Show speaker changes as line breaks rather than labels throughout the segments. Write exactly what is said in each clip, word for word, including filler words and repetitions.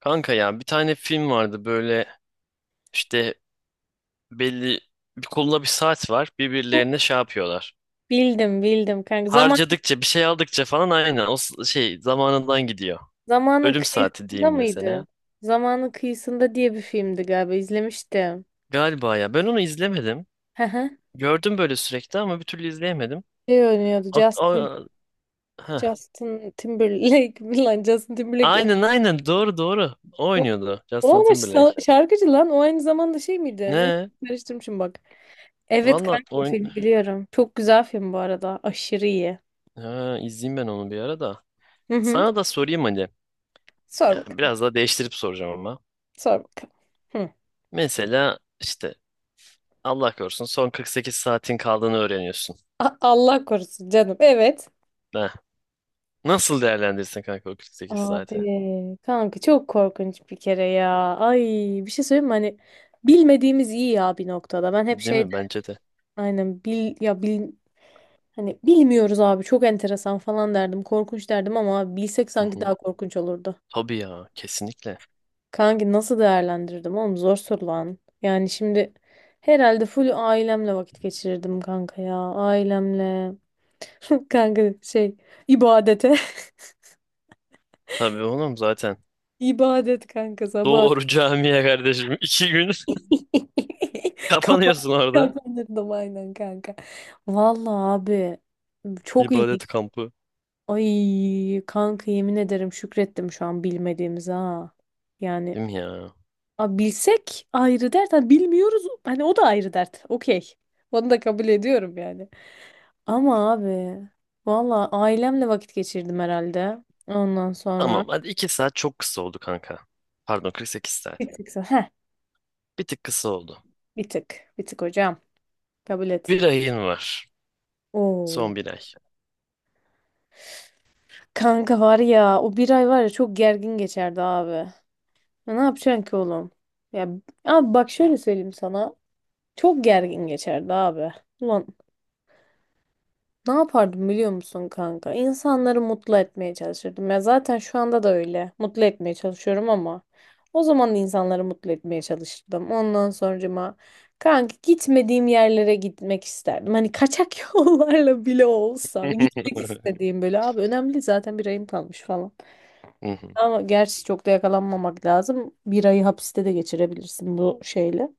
Kanka ya bir tane film vardı böyle işte belli bir koluna bir saat var birbirlerine şey yapıyorlar.
Bildim bildim kanka. Zaman
Harcadıkça bir şey aldıkça falan aynen o s- şey zamanından gidiyor.
zamanın
Ölüm saati
kıyısında
diyeyim mesela.
mıydı? Zamanın kıyısında diye bir filmdi galiba izlemiştim.
Galiba ya ben onu izlemedim.
Hı hı.
Gördüm böyle sürekli ama bir türlü izleyemedim.
Şey oynuyordu
A-
Justin
a- heh.
Justin Timberlake lan Justin Timberlake o,
Aynen aynen doğru doğru. O
o,
oynuyordu
o
Justin
ama
Timberlake.
şa- şarkıcı lan o aynı zamanda şey miydi? Neyse
Ne?
karıştırmışım bak. Evet
Valla
kanka o
oyun...
filmi biliyorum. Çok güzel film bu arada. Aşırı iyi.
Ha, izleyeyim ben onu bir ara da.
Hı hı.
Sana da sorayım hani.
Sor
Ya,
bakalım.
biraz daha değiştirip soracağım ama.
Sor bakalım. Hı.
Mesela işte Allah korusun son kırk sekiz saatin kaldığını öğreniyorsun.
A- Allah korusun canım. Evet.
Ha, nasıl değerlendirirsin kanka o kırk sekiz saati?
Abi kanka çok korkunç bir kere ya. Ay, bir şey söyleyeyim mi? Hani bilmediğimiz iyi ya bir noktada. Ben hep
Değil
şey
mi?
derdim.
Bence de.
Aynen bil ya bil, hani bilmiyoruz abi çok enteresan falan derdim. Korkunç derdim ama abi bilsek
Hı
sanki
hı.
daha korkunç olurdu.
Tabii ya kesinlikle.
Kanki nasıl değerlendirdim oğlum, zor soru lan. Yani şimdi herhalde full ailemle vakit geçirirdim kanka ya. Ailemle. Kanka şey, ibadete.
Tabii oğlum zaten.
İbadet kanka sabah.
Doğru camiye kardeşim. İki gün
Kafam
kapanıyorsun orada.
çarpandırdım aynen kanka. Vallahi abi çok
İbadet
ilginç.
kampı.
Ay kanka yemin ederim, şükrettim şu an bilmediğimize ha. Yani
Değil mi ya?
a, bilsek ayrı dert. Ha, bilmiyoruz hani o da ayrı dert. Okey. Onu da kabul ediyorum yani. Ama abi vallahi ailemle vakit geçirdim herhalde. Ondan sonra
Tamam hadi iki saat çok kısa oldu kanka. Pardon kırk sekiz saat.
bir tık. Heh,
Bir tık kısa oldu.
bir tık. Bir tık hocam. Kabul et.
Bir ayın var.
Oo.
Son bir ay.
Kanka var ya, o bir ay var ya, çok gergin geçerdi abi. Ya ne yapacaksın ki oğlum? Ya abi bak, şöyle söyleyeyim sana. Çok gergin geçerdi abi. Ulan ne yapardım biliyor musun kanka? İnsanları mutlu etmeye çalışırdım. Ya zaten şu anda da öyle. Mutlu etmeye çalışıyorum ama o zaman da insanları mutlu etmeye çalışırdım. Ondan sonracıma kanka gitmediğim yerlere gitmek isterdim. Hani kaçak yollarla bile olsa gitmek
Hı
istediğim, böyle abi önemli değil, zaten bir ayım kalmış falan.
hı,
Ama gerçi çok da yakalanmamak lazım. Bir ayı hapiste de geçirebilirsin bu şeyle.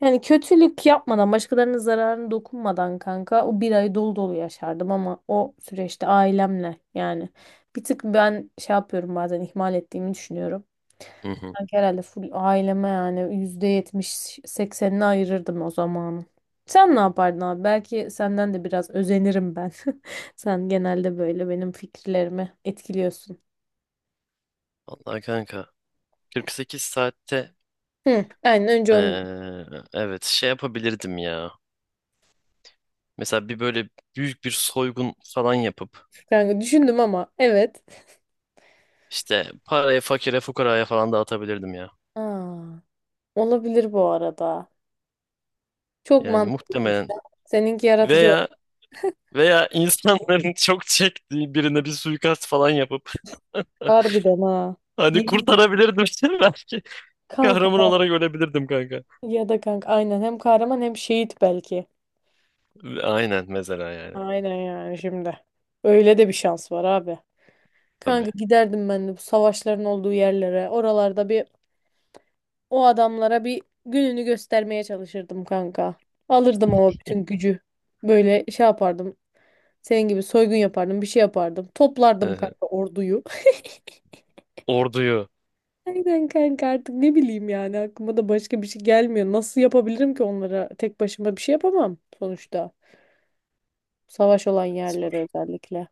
Yani kötülük yapmadan, başkalarının zararını dokunmadan kanka o bir ay dolu dolu yaşardım ama o süreçte ailemle, yani bir tık ben şey yapıyorum bazen, ihmal ettiğimi düşünüyorum.
hı hı.
Sanki herhalde full aileme, yani yüzde yetmiş seksenini ayırırdım o zamanı. Sen ne yapardın abi? Belki senden de biraz özenirim ben. Sen genelde böyle benim fikirlerimi etkiliyorsun.
Vallahi kanka kırk sekiz saatte
Hı, aynen önce onu.
Ee, evet şey yapabilirdim ya. Mesela bir böyle büyük bir soygun falan yapıp
Kanka düşündüm ama evet.
işte parayı fakire fukaraya falan dağıtabilirdim ya.
Aa, olabilir bu arada. Çok
Yani
mantıklıymış.
muhtemelen
Seninki yaratıcı
veya
olmuş.
veya insanların çok çektiği birine bir suikast falan yapıp
Harbiden ha.
hani
Yemin ederim.
kurtarabilirdim belki.
Kanka
Kahraman olarak ölebilirdim kanka.
ya da kanka aynen, hem kahraman hem şehit belki.
Aynen mesela yani
Aynen yani şimdi. Öyle de bir şans var abi. Kanka
tabii.
giderdim ben de bu savaşların olduğu yerlere. Oralarda bir, o adamlara bir gününü göstermeye çalışırdım kanka. Alırdım ama bütün gücü. Böyle şey yapardım. Senin gibi soygun yapardım, bir şey yapardım. Toplardım
Hı-hı.
kanka orduyu.
Orduyu.
Aynen kanka, artık ne bileyim yani, aklıma da başka bir şey gelmiyor. Nasıl yapabilirim ki onlara? Tek başıma bir şey yapamam sonuçta. Savaş olan
Tabii
yerlere
zor.
özellikle.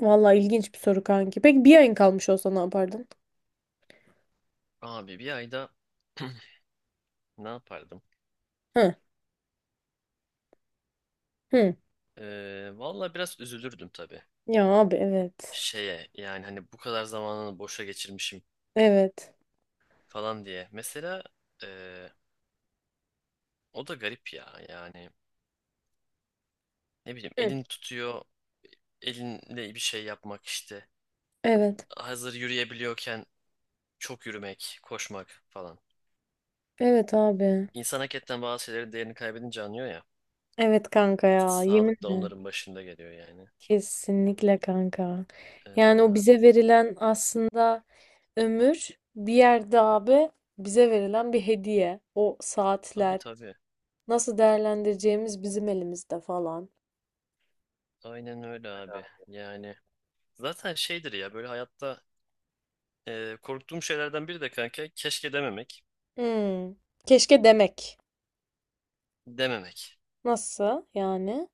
Vallahi ilginç bir soru kanki. Peki bir ayın kalmış olsa ne yapardın?
Abi bir ayda ne yapardım?
Hı. Hı.
Ee, valla biraz üzülürdüm tabii.
Ya abi evet.
Şeye yani hani bu kadar zamanını boşa geçirmişim
Evet.
falan diye. Mesela e, o da garip ya yani ne bileyim
Hı.
elin tutuyor elinle bir şey yapmak işte.
Evet.
Hazır yürüyebiliyorken çok yürümek, koşmak falan.
Evet abi.
İnsan hakikaten bazı şeylerin değerini kaybedince anlıyor ya.
Evet kanka ya,
Sağlık da
yeminle.
onların başında geliyor yani.
Kesinlikle kanka. Yani o
E,
bize verilen aslında ömür, bir yerde abi bize verilen bir hediye. O
tabii
saatler,
tabii.
nasıl değerlendireceğimiz bizim elimizde falan.
Aynen öyle abi. Yani zaten şeydir ya böyle hayatta e, korktuğum şeylerden biri de kanka keşke dememek,
Hmm. Keşke demek.
dememek.
Nasıl yani?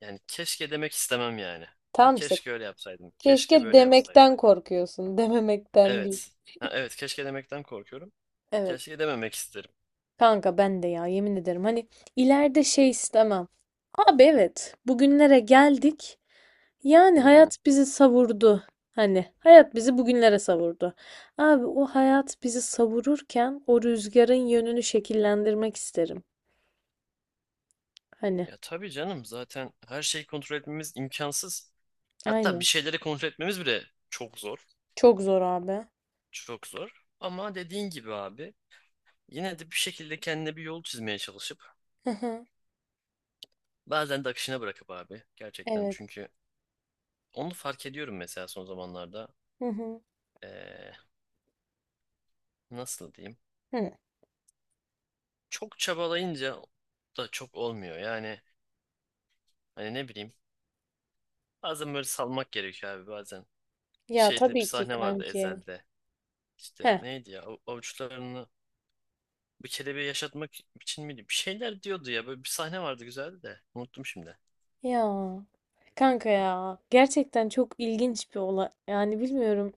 Yani keşke demek istemem yani. Hani
Tamam işte.
keşke öyle yapsaydım. Keşke
Keşke
böyle yapsaydım.
demekten korkuyorsun, dememekten değil.
Evet. Ha, evet keşke demekten korkuyorum.
Evet.
Keşke dememek isterim.
Kanka ben de ya, yemin ederim. Hani ileride şey istemem. Abi evet, bugünlere geldik. Yani
Hı hı.
hayat bizi savurdu. Hani hayat bizi bugünlere savurdu. Abi o hayat bizi savururken o rüzgarın yönünü şekillendirmek isterim. Hani
Ya tabii canım zaten her şeyi kontrol etmemiz imkansız. Hatta
aynen.
bir şeyleri kontrol etmemiz bile çok zor.
Çok zor abi.
Çok zor. Ama dediğin gibi abi yine de bir şekilde kendine bir yol çizmeye çalışıp bazen de akışına bırakıp abi gerçekten
Evet.
çünkü onu fark ediyorum mesela son zamanlarda.
Hı hı.
Ee, Nasıl diyeyim?
Hı.
Çok çabalayınca da çok olmuyor. Yani hani ne bileyim. Bazen böyle salmak gerekiyor abi bazen.
Ya
Şeyde bir
tabii ki
sahne vardı
kanki.
Ezel'de. İşte
Heh.
neydi ya av- avuçlarını bir kelebeği yaşatmak için miydi? Bir şeyler diyordu ya böyle bir sahne vardı güzeldi de. Unuttum şimdi.
Ya. Kanka ya. Gerçekten çok ilginç bir olay. Yani bilmiyorum.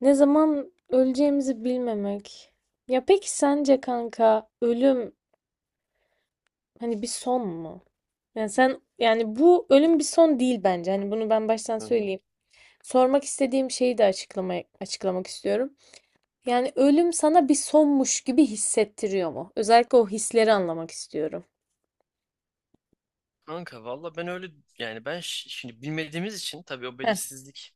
Ne zaman öleceğimizi bilmemek. Ya peki sence kanka ölüm hani bir son mu? Yani sen, yani bu ölüm bir son değil bence. Hani bunu ben baştan
Hı hı.
söyleyeyim. Sormak istediğim şeyi de açıklamaya, açıklamak istiyorum. Yani ölüm sana bir sonmuş gibi hissettiriyor mu? Özellikle o hisleri anlamak istiyorum.
Kanka valla ben öyle yani ben ş- şimdi bilmediğimiz için tabii o
Heh,
belirsizlik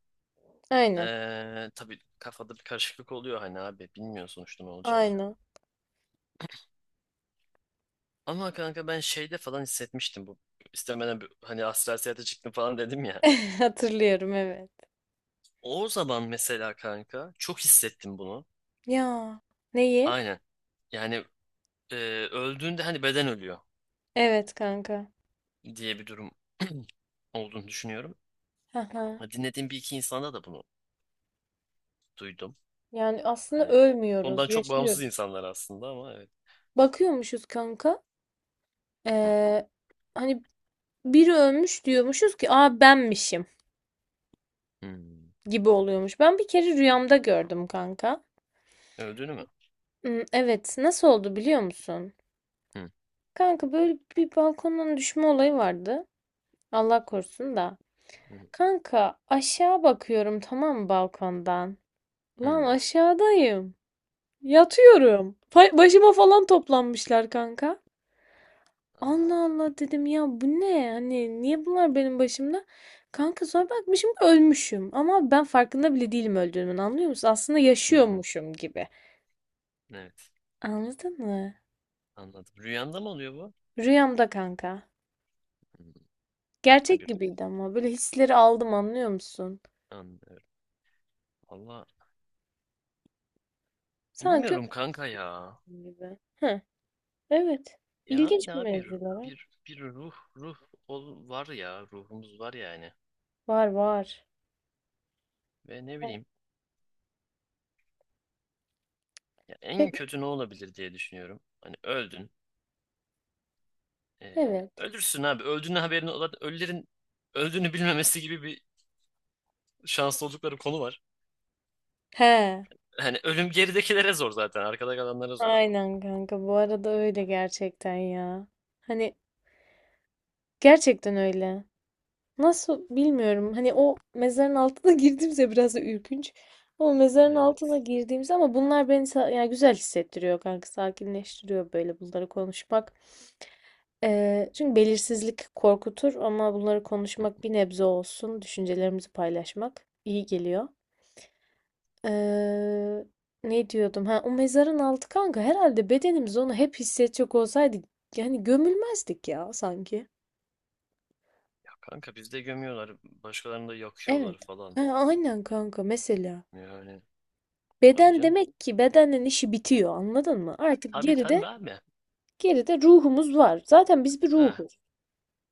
aynen.
eee tabii kafada bir karışıklık oluyor hani abi bilmiyor sonuçta ne olacağını.
Aynen.
Ama kanka ben şeyde falan hissetmiştim bu istemeden bir- hani astral seyahate çıktım falan dedim ya.
Hatırlıyorum, evet.
O zaman mesela kanka çok hissettim bunu.
Ya neyi?
Aynen. Yani e, öldüğünde hani beden ölüyor
Evet kanka.
diye bir durum olduğunu düşünüyorum.
Haha.
Ha, dinlediğim bir iki insanda da bunu duydum.
Yani aslında
Hani ondan
ölmüyoruz,
çok bağımsız
yaşıyoruz.
insanlar aslında ama evet.
Bakıyormuşuz kanka.
Hı,
Ee, Hani biri ölmüş diyormuşuz ki aa benmişim
hı.
gibi oluyormuş. Ben bir kere rüyamda gördüm kanka.
Öldüğünü mü?
Hmm, evet, nasıl oldu biliyor musun?
Hı,
Kanka böyle bir balkondan düşme olayı vardı. Allah korusun da.
hı,
Kanka aşağı bakıyorum, tamam mı, balkondan. Lan
hı.
aşağıdayım. Yatıyorum. Fa- Başıma falan toplanmışlar kanka. Allah
Aa,
Allah dedim, ya bu ne? Hani niye bunlar benim başımda? Kanka sonra bakmışım, ölmüşüm. Ama ben farkında bile değilim öldüğümün, anlıyor musun? Aslında
hı, hı.
yaşıyormuşum gibi.
Evet.
Anladın mı?
Anladım. Rüyanda mı oluyor bu?
Rüyamda kanka.
Hı, farklı
Gerçek
bir.
gibiydi ama böyle hisleri aldım, anlıyor musun?
Anlıyorum. Valla
Sanki
bilmiyorum kanka ya.
ölmüşüm gibi. Hı, evet.
Ya
İlginç bir
ne bir
mevzular var.
bir bir ruh ruh ol, var ya ruhumuz var yani.
Var var.
Ve ne
Yani
bileyim. Ya en
pek-
kötü ne olabilir diye düşünüyorum. Hani öldün. Ee,
evet.
ölürsün abi. Öldüğünün haberini olan ölülerin öldüğünü bilmemesi gibi bir şanslı oldukları konu var.
He.
Hani ölüm geridekilere zor zaten. Arkada kalanlara zor.
Aynen kanka, bu arada öyle gerçekten ya. Hani gerçekten öyle. Nasıl bilmiyorum. Hani o mezarın altına girdiğimizde biraz da ürkünç. Ama mezarın altına
Evet.
girdiğimizde, ama bunlar beni sa- yani güzel hissettiriyor kanka. Sakinleştiriyor böyle bunları konuşmak. Ee, çünkü belirsizlik korkutur ama bunları
Hı.
konuşmak bir nebze olsun, düşüncelerimizi paylaşmak iyi geliyor. Eee, Ne diyordum? Ha, o mezarın altı kanka, herhalde bedenimiz onu hep hissedecek olsaydı yani gömülmezdik ya sanki.
Ya kanka bizde gömüyorlar. Başkalarını da
Evet.
yakıyorlar falan.
Ha, aynen kanka mesela.
Yani tabii
Beden,
canım.
demek ki bedenden işi bitiyor, anladın mı? Artık
Tabii tabii
geride
abi.
geride ruhumuz var. Zaten biz bir
Ha,
ruhuz.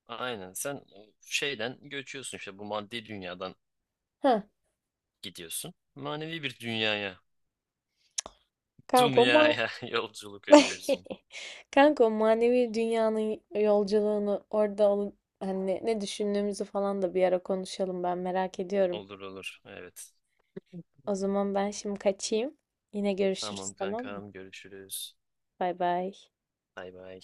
aynen. Sen şeyden göçüyorsun işte bu maddi dünyadan
Ha,
gidiyorsun. Manevi bir dünyaya.
kanka o ma-
Dünyaya yolculuk ediyorsun.
kanka o manevi dünyanın yolculuğunu orada alın, hani ne ne düşündüğümüzü falan da bir ara konuşalım, ben merak ediyorum.
Olur olur. Evet.
O zaman ben şimdi kaçayım. Yine görüşürüz,
Tamam
tamam mı?
kankam görüşürüz.
Bay bay.
Bay bay.